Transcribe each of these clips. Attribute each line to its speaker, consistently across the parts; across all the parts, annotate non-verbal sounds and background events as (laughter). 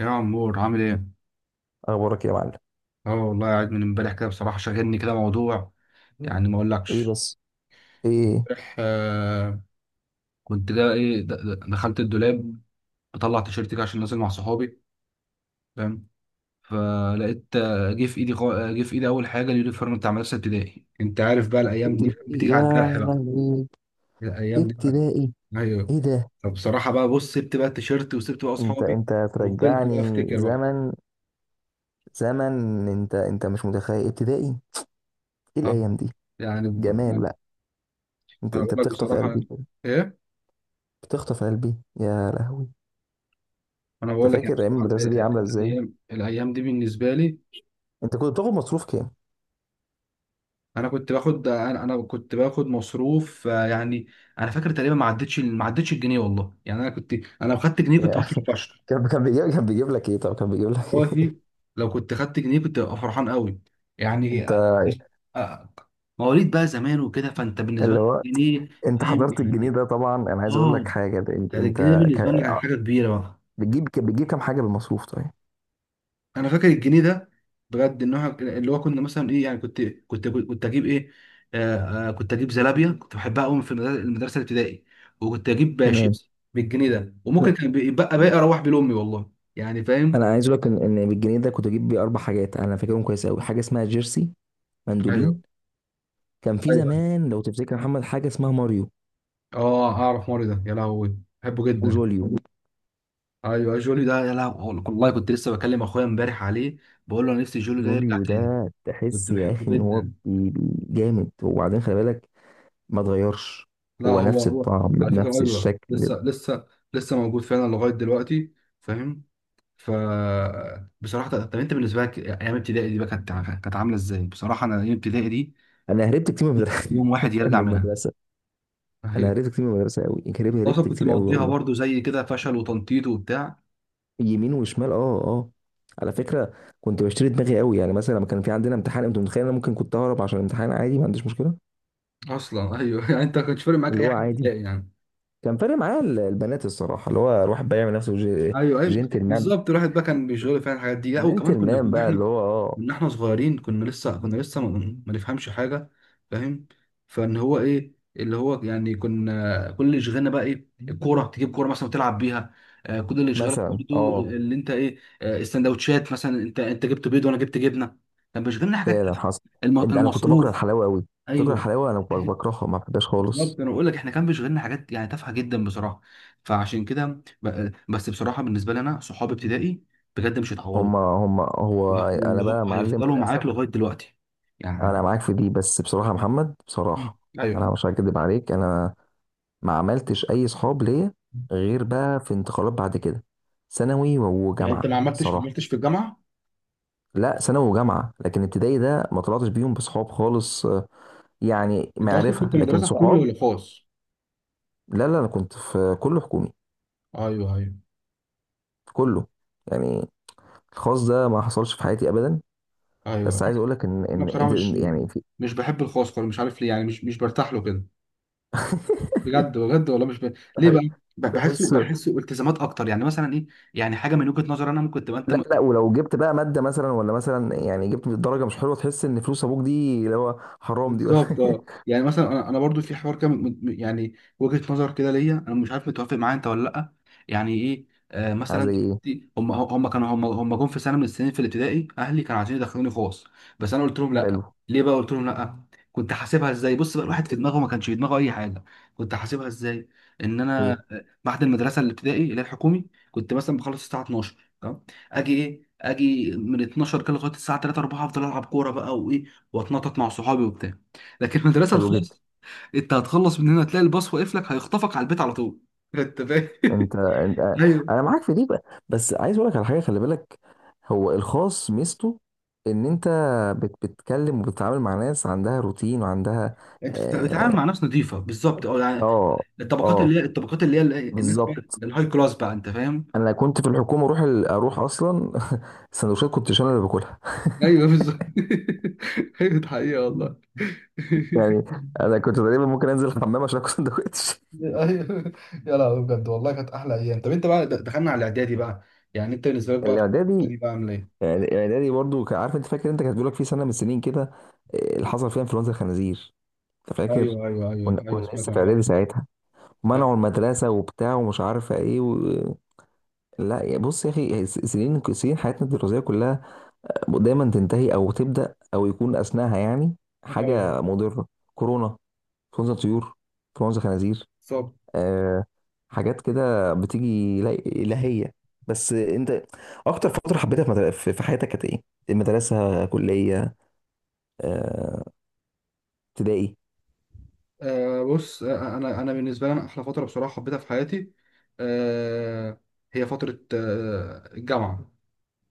Speaker 1: يا عمور عامل ايه؟
Speaker 2: اخبارك يا معلم.
Speaker 1: اه والله قاعد من امبارح كده بصراحة شاغلني كده موضوع يعني ما
Speaker 2: ايه
Speaker 1: اقولكش.
Speaker 2: بس؟ ايه؟
Speaker 1: امبارح كنت جا ايه دخلت الدولاب بطلع تيشيرت كده عشان نازل مع صحابي، فاهم؟ فلقيت جه في ايدي جه في ايدي اول حاجة اليونيفورم بتاع مدرسة ابتدائي. انت عارف بقى الايام دي
Speaker 2: ابتدائي
Speaker 1: بتيجي على
Speaker 2: يا
Speaker 1: الجرح بقى،
Speaker 2: لهوي.
Speaker 1: الايام دي.
Speaker 2: ابتدائي.
Speaker 1: ايوه.
Speaker 2: ايه ده؟
Speaker 1: فبصراحة بقى بص، سبت بقى التيشيرت وسبت بقى
Speaker 2: انت
Speaker 1: اصحابي
Speaker 2: انت
Speaker 1: وفضلت بقى
Speaker 2: ترجعني
Speaker 1: افتكر بقى.
Speaker 2: زمن. زمن. انت مش متخيل ابتدائي. ايه
Speaker 1: اه
Speaker 2: الايام دي؟
Speaker 1: يعني
Speaker 2: جمال
Speaker 1: ما.
Speaker 2: بقى. انت
Speaker 1: أنا بقول
Speaker 2: انت
Speaker 1: لك
Speaker 2: بتخطف
Speaker 1: بصراحة.
Speaker 2: قلبي كده،
Speaker 1: ايه.
Speaker 2: بتخطف قلبي. يا لهوي.
Speaker 1: انا بقول
Speaker 2: انت
Speaker 1: لك يعني
Speaker 2: فاكر ايام
Speaker 1: بصراحة
Speaker 2: المدرسه دي عامله ازاي؟
Speaker 1: الايام دي بالنسبه لي.
Speaker 2: انت كنت بتاخد مصروف كام؟
Speaker 1: انا كنت باخد، انا كنت باخد مصروف يعني، انا فاكر تقريبا ما عدتش ما عدتش الجنيه والله. يعني انا كنت، انا لو خدت جنيه كنت
Speaker 2: يا. (laughs)
Speaker 1: باخد فشخ.
Speaker 2: كان بيجيب لك ايه؟ طب كان بيجيب لك ايه؟
Speaker 1: والله لو كنت خدت جنيه كنت ابقى فرحان قوي يعني.
Speaker 2: (laughs) انت.
Speaker 1: آه، مواليد بقى زمان وكده، فانت بالنسبه
Speaker 2: اللي
Speaker 1: لك
Speaker 2: هو
Speaker 1: جنيه،
Speaker 2: انت
Speaker 1: فاهم
Speaker 2: حضرت الجنيه
Speaker 1: يعني.
Speaker 2: ده طبعا. انا عايز اقول لك
Speaker 1: اه
Speaker 2: حاجه. ده انت
Speaker 1: كان
Speaker 2: انت
Speaker 1: الجنيه بالنسبه لنا كان حاجه كبيره بقى.
Speaker 2: بتجيب كام حاجه بالمصروف؟ طيب.
Speaker 1: انا فاكر الجنيه ده بجد، ان هو اللي هو كنا مثلا ايه يعني، كنت اجيب ايه. كنت اجيب زلابيا، كنت بحبها قوي في المدرسة الابتدائي. وكنت اجيب
Speaker 2: تمام.
Speaker 1: شيبسي بالجنيه ده،
Speaker 2: لا،
Speaker 1: وممكن كان بيبقى باقي اروح بيه لامي والله، يعني فاهم.
Speaker 2: انا عايز اقول لك ان بالجنيه ده كنت اجيب بيه اربع حاجات. انا فاكرهم كويس قوي. حاجه اسمها جيرسي،
Speaker 1: ايوه
Speaker 2: مندولين. كان في
Speaker 1: ايوه.
Speaker 2: زمان لو تفتكر يا محمد حاجه اسمها ماريو
Speaker 1: اه اعرف ماري ده، يا لهوي بحبه جدا.
Speaker 2: وجوليو.
Speaker 1: ايوه جولي ده، يا لهوي والله كنت لسه بكلم اخويا امبارح عليه، بقول له انا نفسي جولي ده يرجع
Speaker 2: جوليو ده
Speaker 1: تاني، كنت
Speaker 2: تحس يا اخي
Speaker 1: بحبه
Speaker 2: ان هو
Speaker 1: جدا.
Speaker 2: جامد. وبعدين خلي بالك ما اتغيرش.
Speaker 1: لا،
Speaker 2: هو نفس
Speaker 1: هو
Speaker 2: الطعم
Speaker 1: على فكره
Speaker 2: بنفس
Speaker 1: ايوه،
Speaker 2: الشكل.
Speaker 1: لسه موجود فعلا لغايه دلوقتي، فاهم. ف بصراحه طب انت بالنسبه لك ايام ابتدائي دي بقى كانت، كانت عامله ازاي؟ بصراحه انا ايام ابتدائي دي
Speaker 2: انا هربت كتير من
Speaker 1: نفسي
Speaker 2: المدرسه. (laughs)
Speaker 1: يوم واحد
Speaker 2: من
Speaker 1: يرجع منها.
Speaker 2: المدرسه. انا
Speaker 1: ايوه.
Speaker 2: هربت كتير من المدرسه قوي. هربت
Speaker 1: اصلا
Speaker 2: هربت
Speaker 1: كنت
Speaker 2: كتير قوي
Speaker 1: مقضيها
Speaker 2: والله.
Speaker 1: برضو زي كده فشل وتنطيط وبتاع.
Speaker 2: يمين وشمال. اه اه. على فكره كنت بشتري دماغي قوي. يعني مثلا لما كان في عندنا امتحان، انت متخيل انا ممكن كنت اهرب عشان الامتحان؟ عادي، ما عنديش مشكله.
Speaker 1: اصلا ايوه. (laughs) يعني انت ما كانش فارق معاك
Speaker 2: اللي
Speaker 1: اي
Speaker 2: هو
Speaker 1: حاجه في
Speaker 2: عادي.
Speaker 1: ابتدائي يعني؟
Speaker 2: كان فارق معايا ال- البنات الصراحه، اللي هو الواحد بقى يعمل نفسه
Speaker 1: ايوه،
Speaker 2: جنتلمان.
Speaker 1: بالظبط، الواحد بقى كان بيشغله فعلا الحاجات دي. لا وكمان كنا
Speaker 2: جنتلمان
Speaker 1: كنا
Speaker 2: بقى
Speaker 1: احنا
Speaker 2: اللي هو اه.
Speaker 1: من احنا صغيرين، كنا لسه ما نفهمش حاجه، فاهم. فان هو ايه اللي هو، يعني كنا كل اللي شغلنا بقى ايه، الكوره، تجيب كوره مثلا وتلعب بيها. آه كل اللي شغلك
Speaker 2: مثلا
Speaker 1: برضو
Speaker 2: اه.
Speaker 1: اللي انت ايه، آه السندوتشات مثلا، انت جبت بيض وانا جبت جبنه. كان بيشغلنا حاجات،
Speaker 2: فعلا حصل. انت- انا كنت بكره
Speaker 1: المصروف.
Speaker 2: الحلاوه قوي. بتكره
Speaker 1: ايوه
Speaker 2: الحلاوه؟ انا
Speaker 1: (laughs)
Speaker 2: بكرهها، ما بحبهاش خالص.
Speaker 1: بالظبط. انا بقول لك احنا كان بيشغلنا حاجات يعني تافهه جدا بصراحه، فعشان كده بس بصراحه بالنسبه لي انا صحاب ابتدائي بجد مش هيتعوضوا.
Speaker 2: هما هو.
Speaker 1: لا،
Speaker 2: انا
Speaker 1: واللي هو
Speaker 2: بقى معلم
Speaker 1: هيفضلوا معاك
Speaker 2: للاسف.
Speaker 1: لغايه دلوقتي يعني.
Speaker 2: انا معاك في دي. بس بصراحه يا محمد،
Speaker 1: مم.
Speaker 2: بصراحه
Speaker 1: ايوه.
Speaker 2: انا مش هكدب عليك. انا ما عملتش اي صحاب ليا غير بقى في انتقالات بعد كده، ثانوي
Speaker 1: يعني انت
Speaker 2: وجامعه
Speaker 1: ما
Speaker 2: صراحه.
Speaker 1: عملتش في الجامعه؟
Speaker 2: لا، ثانوي وجامعه. لكن ابتدائي ده ما طلعتش بيهم بصحاب خالص يعني
Speaker 1: انت اصلا
Speaker 2: معرفه
Speaker 1: كنت
Speaker 2: لكن
Speaker 1: مدرسه حكومي
Speaker 2: صحاب.
Speaker 1: ولا خاص؟
Speaker 2: لا لا، انا كنت في كله حكومي.
Speaker 1: ايوه ايوه
Speaker 2: كله. يعني الخاص ده ما حصلش في حياتي ابدا.
Speaker 1: ايوه.
Speaker 2: بس عايز اقول لك ان
Speaker 1: انا
Speaker 2: ان
Speaker 1: بصراحه
Speaker 2: انت
Speaker 1: مش،
Speaker 2: يعني في.
Speaker 1: مش بحب الخاص خالص، مش عارف ليه يعني، مش برتاح له كده بجد بجد والله. مش ب... ليه بقى؟ بحسه،
Speaker 2: تحس.
Speaker 1: بحسه التزامات اكتر، يعني مثلا ايه، يعني حاجه من وجهه نظر انا ممكن تبقى انت،
Speaker 2: لا لا، ولو جبت بقى ماده مثلا، ولا مثلا يعني جبت درجه مش حلوه، تحس ان فلوس ابوك دي اللي هو حرام دي ولا.
Speaker 1: بالظبط اه. يعني مثلا انا برضو في حوار كده يعني وجهة نظر كده ليا انا، مش عارف متوافق معايا انت ولا لا. يعني ايه، آه
Speaker 2: (laughs)
Speaker 1: مثلا
Speaker 2: زي ايه؟
Speaker 1: دلوقتي هم كانوا هم جم في سنه من السنين في الابتدائي اهلي كانوا عايزين يدخلوني خاص، بس انا قلت لهم لا.
Speaker 2: حلو.
Speaker 1: ليه بقى قلت لهم لا؟ كنت حاسبها ازاي؟ بص بقى، الواحد في دماغه ما كانش في دماغه اي حاجه. كنت حاسبها ازاي؟ ان انا
Speaker 2: ايه؟
Speaker 1: بعد المدرسه الابتدائي اللي هي الحكومي كنت مثلا بخلص الساعه 12 تمام، اجي ايه اجي من 12 كده لغايه الساعه 3 4 افضل العب كوره بقى وايه، واتنطط مع صحابي وبتاع. لكن المدرسه
Speaker 2: حلو جدا.
Speaker 1: الخاصه انت هتخلص من هنا تلاقي الباص واقف لك هيخطفك على البيت على طول، انت فاهم. (laughs)
Speaker 2: انت.
Speaker 1: ايوه.
Speaker 2: انا معاك في دي بقى. بس عايز اقول لك على حاجه، خلي بالك. هو الخاص ميزته ان انت بت... بتتكلم وبتتعامل مع ناس عندها روتين وعندها.
Speaker 1: انت بتتعامل
Speaker 2: اه.
Speaker 1: مع ناس نظيفه، بالظبط اه، يعني
Speaker 2: اه.
Speaker 1: الطبقات اللي
Speaker 2: آه،
Speaker 1: هي، الطبقات اللي هي الناس بقى
Speaker 2: بالظبط.
Speaker 1: الهاي كلاس بقى، انت فاهم.
Speaker 2: انا كنت في الحكومه اروح ال... اروح اصلا. (laughs) السندوتشات كنت انا اللي باكلها.
Speaker 1: ايوه بالظبط. (laughs) ايوه ده حقيقة والله.
Speaker 2: (laughs) يعني انا كنت تقريبا ممكن انزل الحمام عشان اكل سندوتش.
Speaker 1: (laughs) ايوه يا لهوي، بجد والله كانت احلى ايام. طب انت بقى دخلنا على الاعدادي بقى، يعني انت بالنسبه لك
Speaker 2: (laughs)
Speaker 1: بقى في
Speaker 2: الاعدادي.
Speaker 1: الاعدادي بقى عامل ايه؟
Speaker 2: يعني الاعدادي برضو كان- عارف انت فاكر انت، كانت بيقول لك في سنه من السنين كده اللي حصل فيها انفلونزا الخنازير. انت فاكر؟
Speaker 1: ايوه ايوه
Speaker 2: كنا
Speaker 1: ايوه ايوه،
Speaker 2: كنا
Speaker 1: سمعت
Speaker 2: لسه
Speaker 1: عن
Speaker 2: في
Speaker 1: الحوار
Speaker 2: اعدادي
Speaker 1: ده.
Speaker 2: ساعتها. منعوا المدرسه وبتاع ومش عارفه ايه و... لا يا بص يا اخي، سنين، سنين حياتنا الدراسيه كلها دايما تنتهي او تبدا او يكون اثناءها يعني
Speaker 1: ايوه أيوة.
Speaker 2: حاجه مضره. كورونا، انفلونزا طيور، انفلونزا خنازير.
Speaker 1: بالظبط.
Speaker 2: آه. حاجات كده بتيجي لا الهيه. بس انت، اكتر فتره حبيتها في في حياتك كانت ايه؟ المدرسه؟ كليه؟ آه، ابتدائي؟
Speaker 1: بص، انا بالنسبه لي انا احلى فتره بصراحه حبيتها في حياتي آه هي فتره آه الجامعه.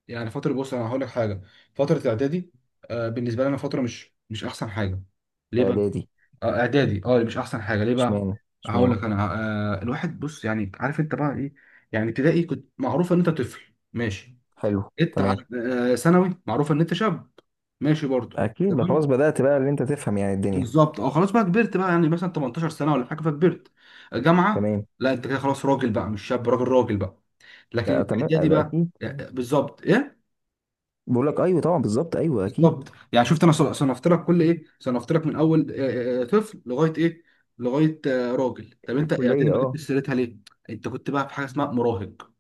Speaker 1: يعني فتره بص انا هقول لك حاجه، فتره الاعدادي آه بالنسبه لي انا فتره مش احسن حاجه. ليه بقى؟
Speaker 2: اعدادي؟
Speaker 1: آه اعدادي اه مش احسن حاجه. ليه بقى؟
Speaker 2: اشمعنى؟
Speaker 1: هقول
Speaker 2: اشمعنى؟
Speaker 1: لك انا، آه الواحد بص يعني، عارف انت بقى ايه، يعني ابتدائي كنت معروف ان انت طفل ماشي،
Speaker 2: حلو.
Speaker 1: جيت
Speaker 2: تمام.
Speaker 1: على آه ثانوي معروف ان انت شاب ماشي برضه،
Speaker 2: اكيد بقى خلاص
Speaker 1: تمام.
Speaker 2: بدأت بقى اللي انت تفهم يعني الدنيا.
Speaker 1: بالظبط اه خلاص بقى كبرت بقى يعني مثلا 18 سنه ولا حاجه فكبرت. جامعه
Speaker 2: تمام
Speaker 1: لا انت كده خلاص راجل بقى، مش شاب، راجل راجل بقى. لكن
Speaker 2: بقى. تمام
Speaker 1: الاعدادي
Speaker 2: بقى
Speaker 1: بقى
Speaker 2: اكيد.
Speaker 1: يعني بالظبط ايه؟
Speaker 2: بقول لك ايوه طبعا بالظبط ايوه اكيد.
Speaker 1: بالظبط يعني شفت، انا صنفت لك كل ايه، صنفت لك من اول طفل لغايه ايه، لغايه راجل. طب انت اعدادي
Speaker 2: الكليه
Speaker 1: ما
Speaker 2: اه.
Speaker 1: جبتش سيرتها ليه؟ انت كنت بقى في حاجه اسمها مراهق،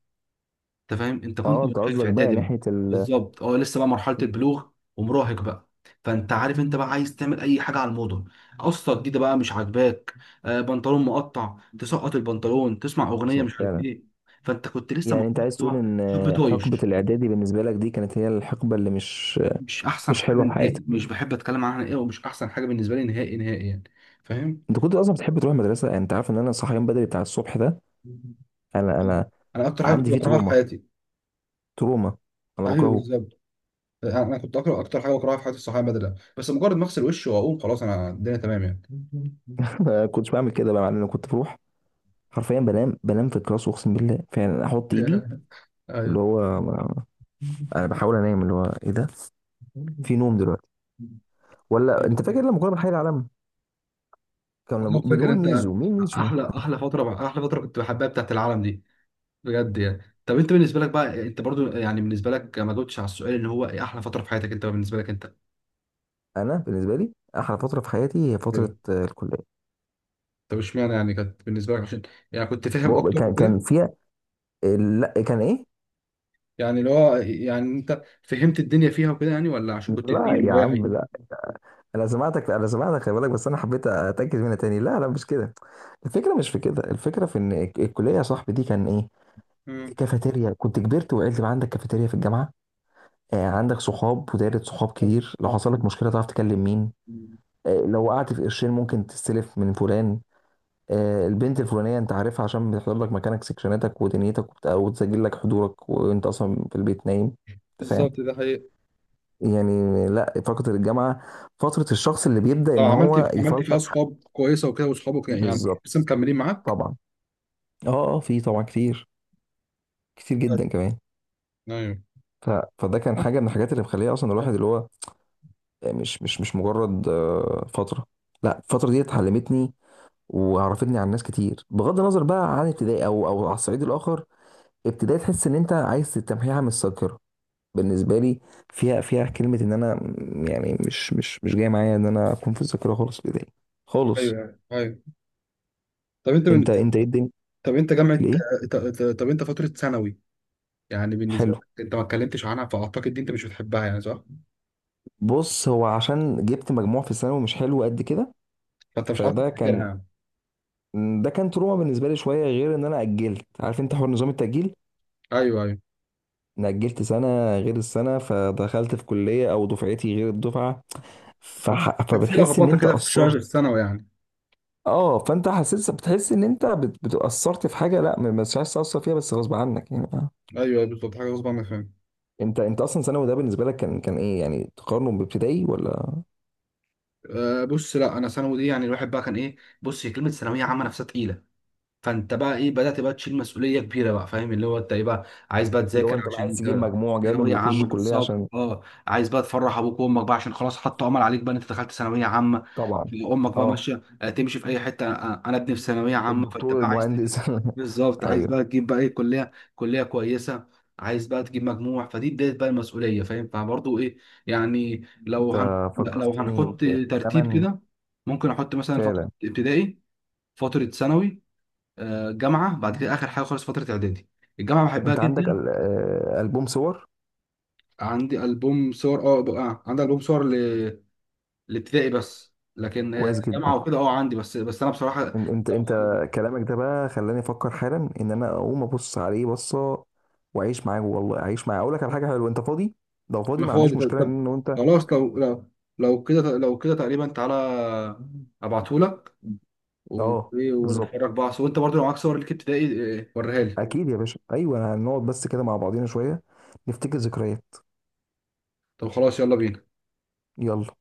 Speaker 1: انت فاهم، انت كنت
Speaker 2: اه انت
Speaker 1: مراهق في
Speaker 2: قصدك بقى
Speaker 1: اعدادي بقى،
Speaker 2: ناحيه ال.
Speaker 1: بالظبط اه، لسه بقى مرحله البلوغ ومراهق بقى. فانت عارف انت بقى عايز تعمل اي حاجه على الموضه، قصه جديده بقى مش عاجباك، آه بنطلون مقطع تسقط البنطلون، تسمع اغنيه
Speaker 2: حصل
Speaker 1: مش عارف
Speaker 2: فعلا.
Speaker 1: ايه. فانت كنت لسه
Speaker 2: يعني انت عايز تقول
Speaker 1: مقتنع
Speaker 2: ان
Speaker 1: شاب
Speaker 2: حقبه
Speaker 1: طايش.
Speaker 2: الاعدادي بالنسبه لك دي كانت هي الحقبه اللي مش،
Speaker 1: مش احسن
Speaker 2: مش
Speaker 1: حاجه
Speaker 2: حلوه في
Speaker 1: نهائي،
Speaker 2: حياتك.
Speaker 1: مش بحب اتكلم عنها ايه، ومش احسن حاجه بالنسبه لي نهائي نهائي يعني، فاهم.
Speaker 2: انت كنت اصلا بتحب تروح المدرسه؟ يعني انت عارف ان انا صحيان بدري بتاع الصبح ده انا
Speaker 1: انا اكتر حاجه كنت
Speaker 2: عندي فيه
Speaker 1: بكرهها في
Speaker 2: تروما.
Speaker 1: حياتي.
Speaker 2: تروما. انا
Speaker 1: ايوه
Speaker 2: بكرهه.
Speaker 1: بالظبط. انا كنت اقرا اكتر حاجه بكرهها في حياتي الصحابه بدله، بس مجرد ما اغسل وشي واقوم خلاص انا الدنيا تمام يعني.
Speaker 2: (laughs) ما كنتش بعمل كده بقى، مع ان انا كنت بروح. حرفيا بنام في الكلاس، اقسم بالله. فعلا احط ايدي،
Speaker 1: (laughs)
Speaker 2: اللي هو انا بحاول انام، اللي هو ايه ده؟ في نوم دلوقتي؟ ولا انت فاكر
Speaker 1: ايوه.
Speaker 2: لما كنا بنحيي العالم؟ كنا
Speaker 1: والله فاكر
Speaker 2: بنقول
Speaker 1: انت،
Speaker 2: ميزو، مين ميزو.
Speaker 1: احلى فتره كنت بحبها بتاعت العالم دي بجد يعني. طب انت بالنسبه لك بقى، انت برضو يعني بالنسبه لك ما جاوبتش على السؤال، اللي هو ايه احلى فتره في حياتك انت؟ بالنسبه لك انت.
Speaker 2: انا بالنسبه لي احلى فتره في حياتي هي
Speaker 1: ايوه.
Speaker 2: فتره الكليه.
Speaker 1: طب اشمعنى؟ يعني كانت بالنسبه لك عشان، يعني كنت فاهم اكتر
Speaker 2: كان
Speaker 1: وكده،
Speaker 2: كان فيها. لا كان ايه.
Speaker 1: يعني اللي هو يعني انت فهمت الدنيا فيها وكده يعني، ولا عشان كنت
Speaker 2: لا
Speaker 1: كبير
Speaker 2: يا عم،
Speaker 1: وواعي؟
Speaker 2: لا. انا سمعتك، انا سمعتك، خلي بالك. بس انا حبيت اتاكد منها تاني. لا لا مش كده. الفكره مش في كده. الفكره في ان الكليه يا صاحبي دي كان ايه. كافيتيريا. كنت كبرت وعقلت بقى. عندك كافيتيريا في الجامعه. عندك صحاب ودايره صحاب كتير. لو حصل لك مشكله تعرف تكلم مين.
Speaker 1: امم.
Speaker 2: لو وقعت في قرشين ممكن تستلف من فلان. البنت الفلانيه انت عارفها عشان بتحضر لك مكانك سكشناتك ودنيتك وتسجل لك حضورك وانت اصلا في البيت نايم. انت فاهم.
Speaker 1: بالظبط ده حقيقي.
Speaker 2: يعني لا، فتره الجامعه فتره الشخص اللي بيبدا ان
Speaker 1: اه عملت،
Speaker 2: هو
Speaker 1: عملت فيها
Speaker 2: يفلتر.
Speaker 1: اصحاب كويسه وكده، واصحابك يعني
Speaker 2: بالظبط.
Speaker 1: لسه مكملين معاك.
Speaker 2: طبعا. اه اه في طبعا كتير. كتير جدا كمان.
Speaker 1: ايوه.
Speaker 2: ف... فده كان حاجه من الحاجات اللي مخليه اصلا الواحد اللي هو مش مجرد فتره. لا الفتره دي اتعلمتني وعرفتني عن ناس كتير، بغض النظر بقى عن ابتدائي او او على الصعيد الاخر. ابتدائي تحس ان انت عايز تمحيها من الذاكره بالنسبه لي. فيها، فيها كلمه ان انا يعني مش جاي معايا ان انا اكون في الذاكره خالص في ابتدائي. خالص.
Speaker 1: ايوه. طب انت
Speaker 2: انت
Speaker 1: من...
Speaker 2: انت ايه الدنيا.
Speaker 1: طب انت جامعه،
Speaker 2: الايه.
Speaker 1: طب انت فتره ثانوي يعني بالنسبه
Speaker 2: حلو.
Speaker 1: لك انت ما اتكلمتش عنها، فاعتقد دي انت مش بتحبها يعني، صح؟
Speaker 2: بص، هو عشان جبت مجموع في الثانوي مش حلو قد كده،
Speaker 1: فانت مش عارف
Speaker 2: فده كان،
Speaker 1: تفتكرها يعني.
Speaker 2: ده كان تروما بالنسبه لي شويه. غير ان انا اجلت، عارف انت حوار نظام التاجيل.
Speaker 1: ايوه ايوه.
Speaker 2: انا اجلت سنه غير السنه فدخلت في كليه او دفعتي غير الدفعه. فح...
Speaker 1: كانت في
Speaker 2: فبتحس ان
Speaker 1: لخبطه
Speaker 2: انت
Speaker 1: كده في شويه في
Speaker 2: قصرت.
Speaker 1: الثانوي يعني.
Speaker 2: اه فانت حسيت، بتحس ان انت بتأثرت في حاجه، لا ما مش عايز تأثر فيها بس غصب عنك يعني آه.
Speaker 1: ايوه أيوة، بالظبط، حاجه غصب عنك، فاهم.
Speaker 2: انت انت اصلا ثانوي ده بالنسبه لك كان ايه يعني تقارنه بابتدائي ولا.
Speaker 1: أه بص، لا انا ثانوي دي يعني الواحد بقى كان ايه، بص هي كلمه ثانويه عامه نفسها تقيله، فانت بقى ايه بدات بقى تشيل مسؤوليه كبيره بقى، فاهم، اللي هو انت ايه بقى، عايز بقى
Speaker 2: اللي هو
Speaker 1: تذاكر
Speaker 2: انت بقى
Speaker 1: عشان
Speaker 2: عايز تجيب
Speaker 1: انت
Speaker 2: مجموع جامد
Speaker 1: ثانويه
Speaker 2: وتخش
Speaker 1: عامه.
Speaker 2: كليه
Speaker 1: بالظبط
Speaker 2: عشان.
Speaker 1: اه، عايز بقى تفرح ابوك وامك بقى عشان خلاص حطوا امل عليك بقى ان انت دخلت ثانويه عامه،
Speaker 2: طبعا.
Speaker 1: امك بقى
Speaker 2: اه
Speaker 1: ماشيه تمشي في اي حته انا ابني في ثانويه عامه. فانت
Speaker 2: الدكتور
Speaker 1: بقى عايز
Speaker 2: المهندس.
Speaker 1: تجيب،
Speaker 2: (laughs)
Speaker 1: بالظبط عايز
Speaker 2: ايوه.
Speaker 1: بقى تجيب بقى ايه، كليه كويسه، عايز بقى تجيب مجموع، فدي بدايه بقى المسؤوليه، فاهم. فبرضه ايه يعني، لو
Speaker 2: انت
Speaker 1: هن... لو
Speaker 2: فكرتني
Speaker 1: هنحط ترتيب
Speaker 2: بزمن.
Speaker 1: كده، ممكن احط مثلا فتره
Speaker 2: فعلا.
Speaker 1: ابتدائي، فتره ثانوي، جامعه، بعد كده اخر حاجه خالص فتره اعدادي. الجامعه بحبها
Speaker 2: انت عندك
Speaker 1: جدا.
Speaker 2: ال- البوم صور.
Speaker 1: عندي البوم صور، اه بقى عندي البوم صور لابتدائي بس، لكن
Speaker 2: كويس جدا.
Speaker 1: جامعه وكده اه عندي. بس انا بصراحه،
Speaker 2: انت
Speaker 1: لو،
Speaker 2: انت كلامك ده بقى خلاني افكر حالا ان انا اقوم ابص عليه بصه واعيش معاه، والله اعيش معاه. اقول لك على حاجه حلوه، انت فاضي؟ لو فاضي
Speaker 1: ما
Speaker 2: ما
Speaker 1: فاضي.
Speaker 2: عنديش
Speaker 1: طب
Speaker 2: مشكله
Speaker 1: طب
Speaker 2: ان انت.
Speaker 1: خلاص لو لو كده تقريبا، تعالى ابعتهولك، و-
Speaker 2: اه بالظبط.
Speaker 1: ونتفرج بقى. وانت برضو لو معاك صور ليك ابتدائي وريها لي.
Speaker 2: اكيد يا باشا ايوه هنقعد بس كده مع بعضينا شويه نفتكر ذكريات.
Speaker 1: طب خلاص يلا بينا.
Speaker 2: يلا.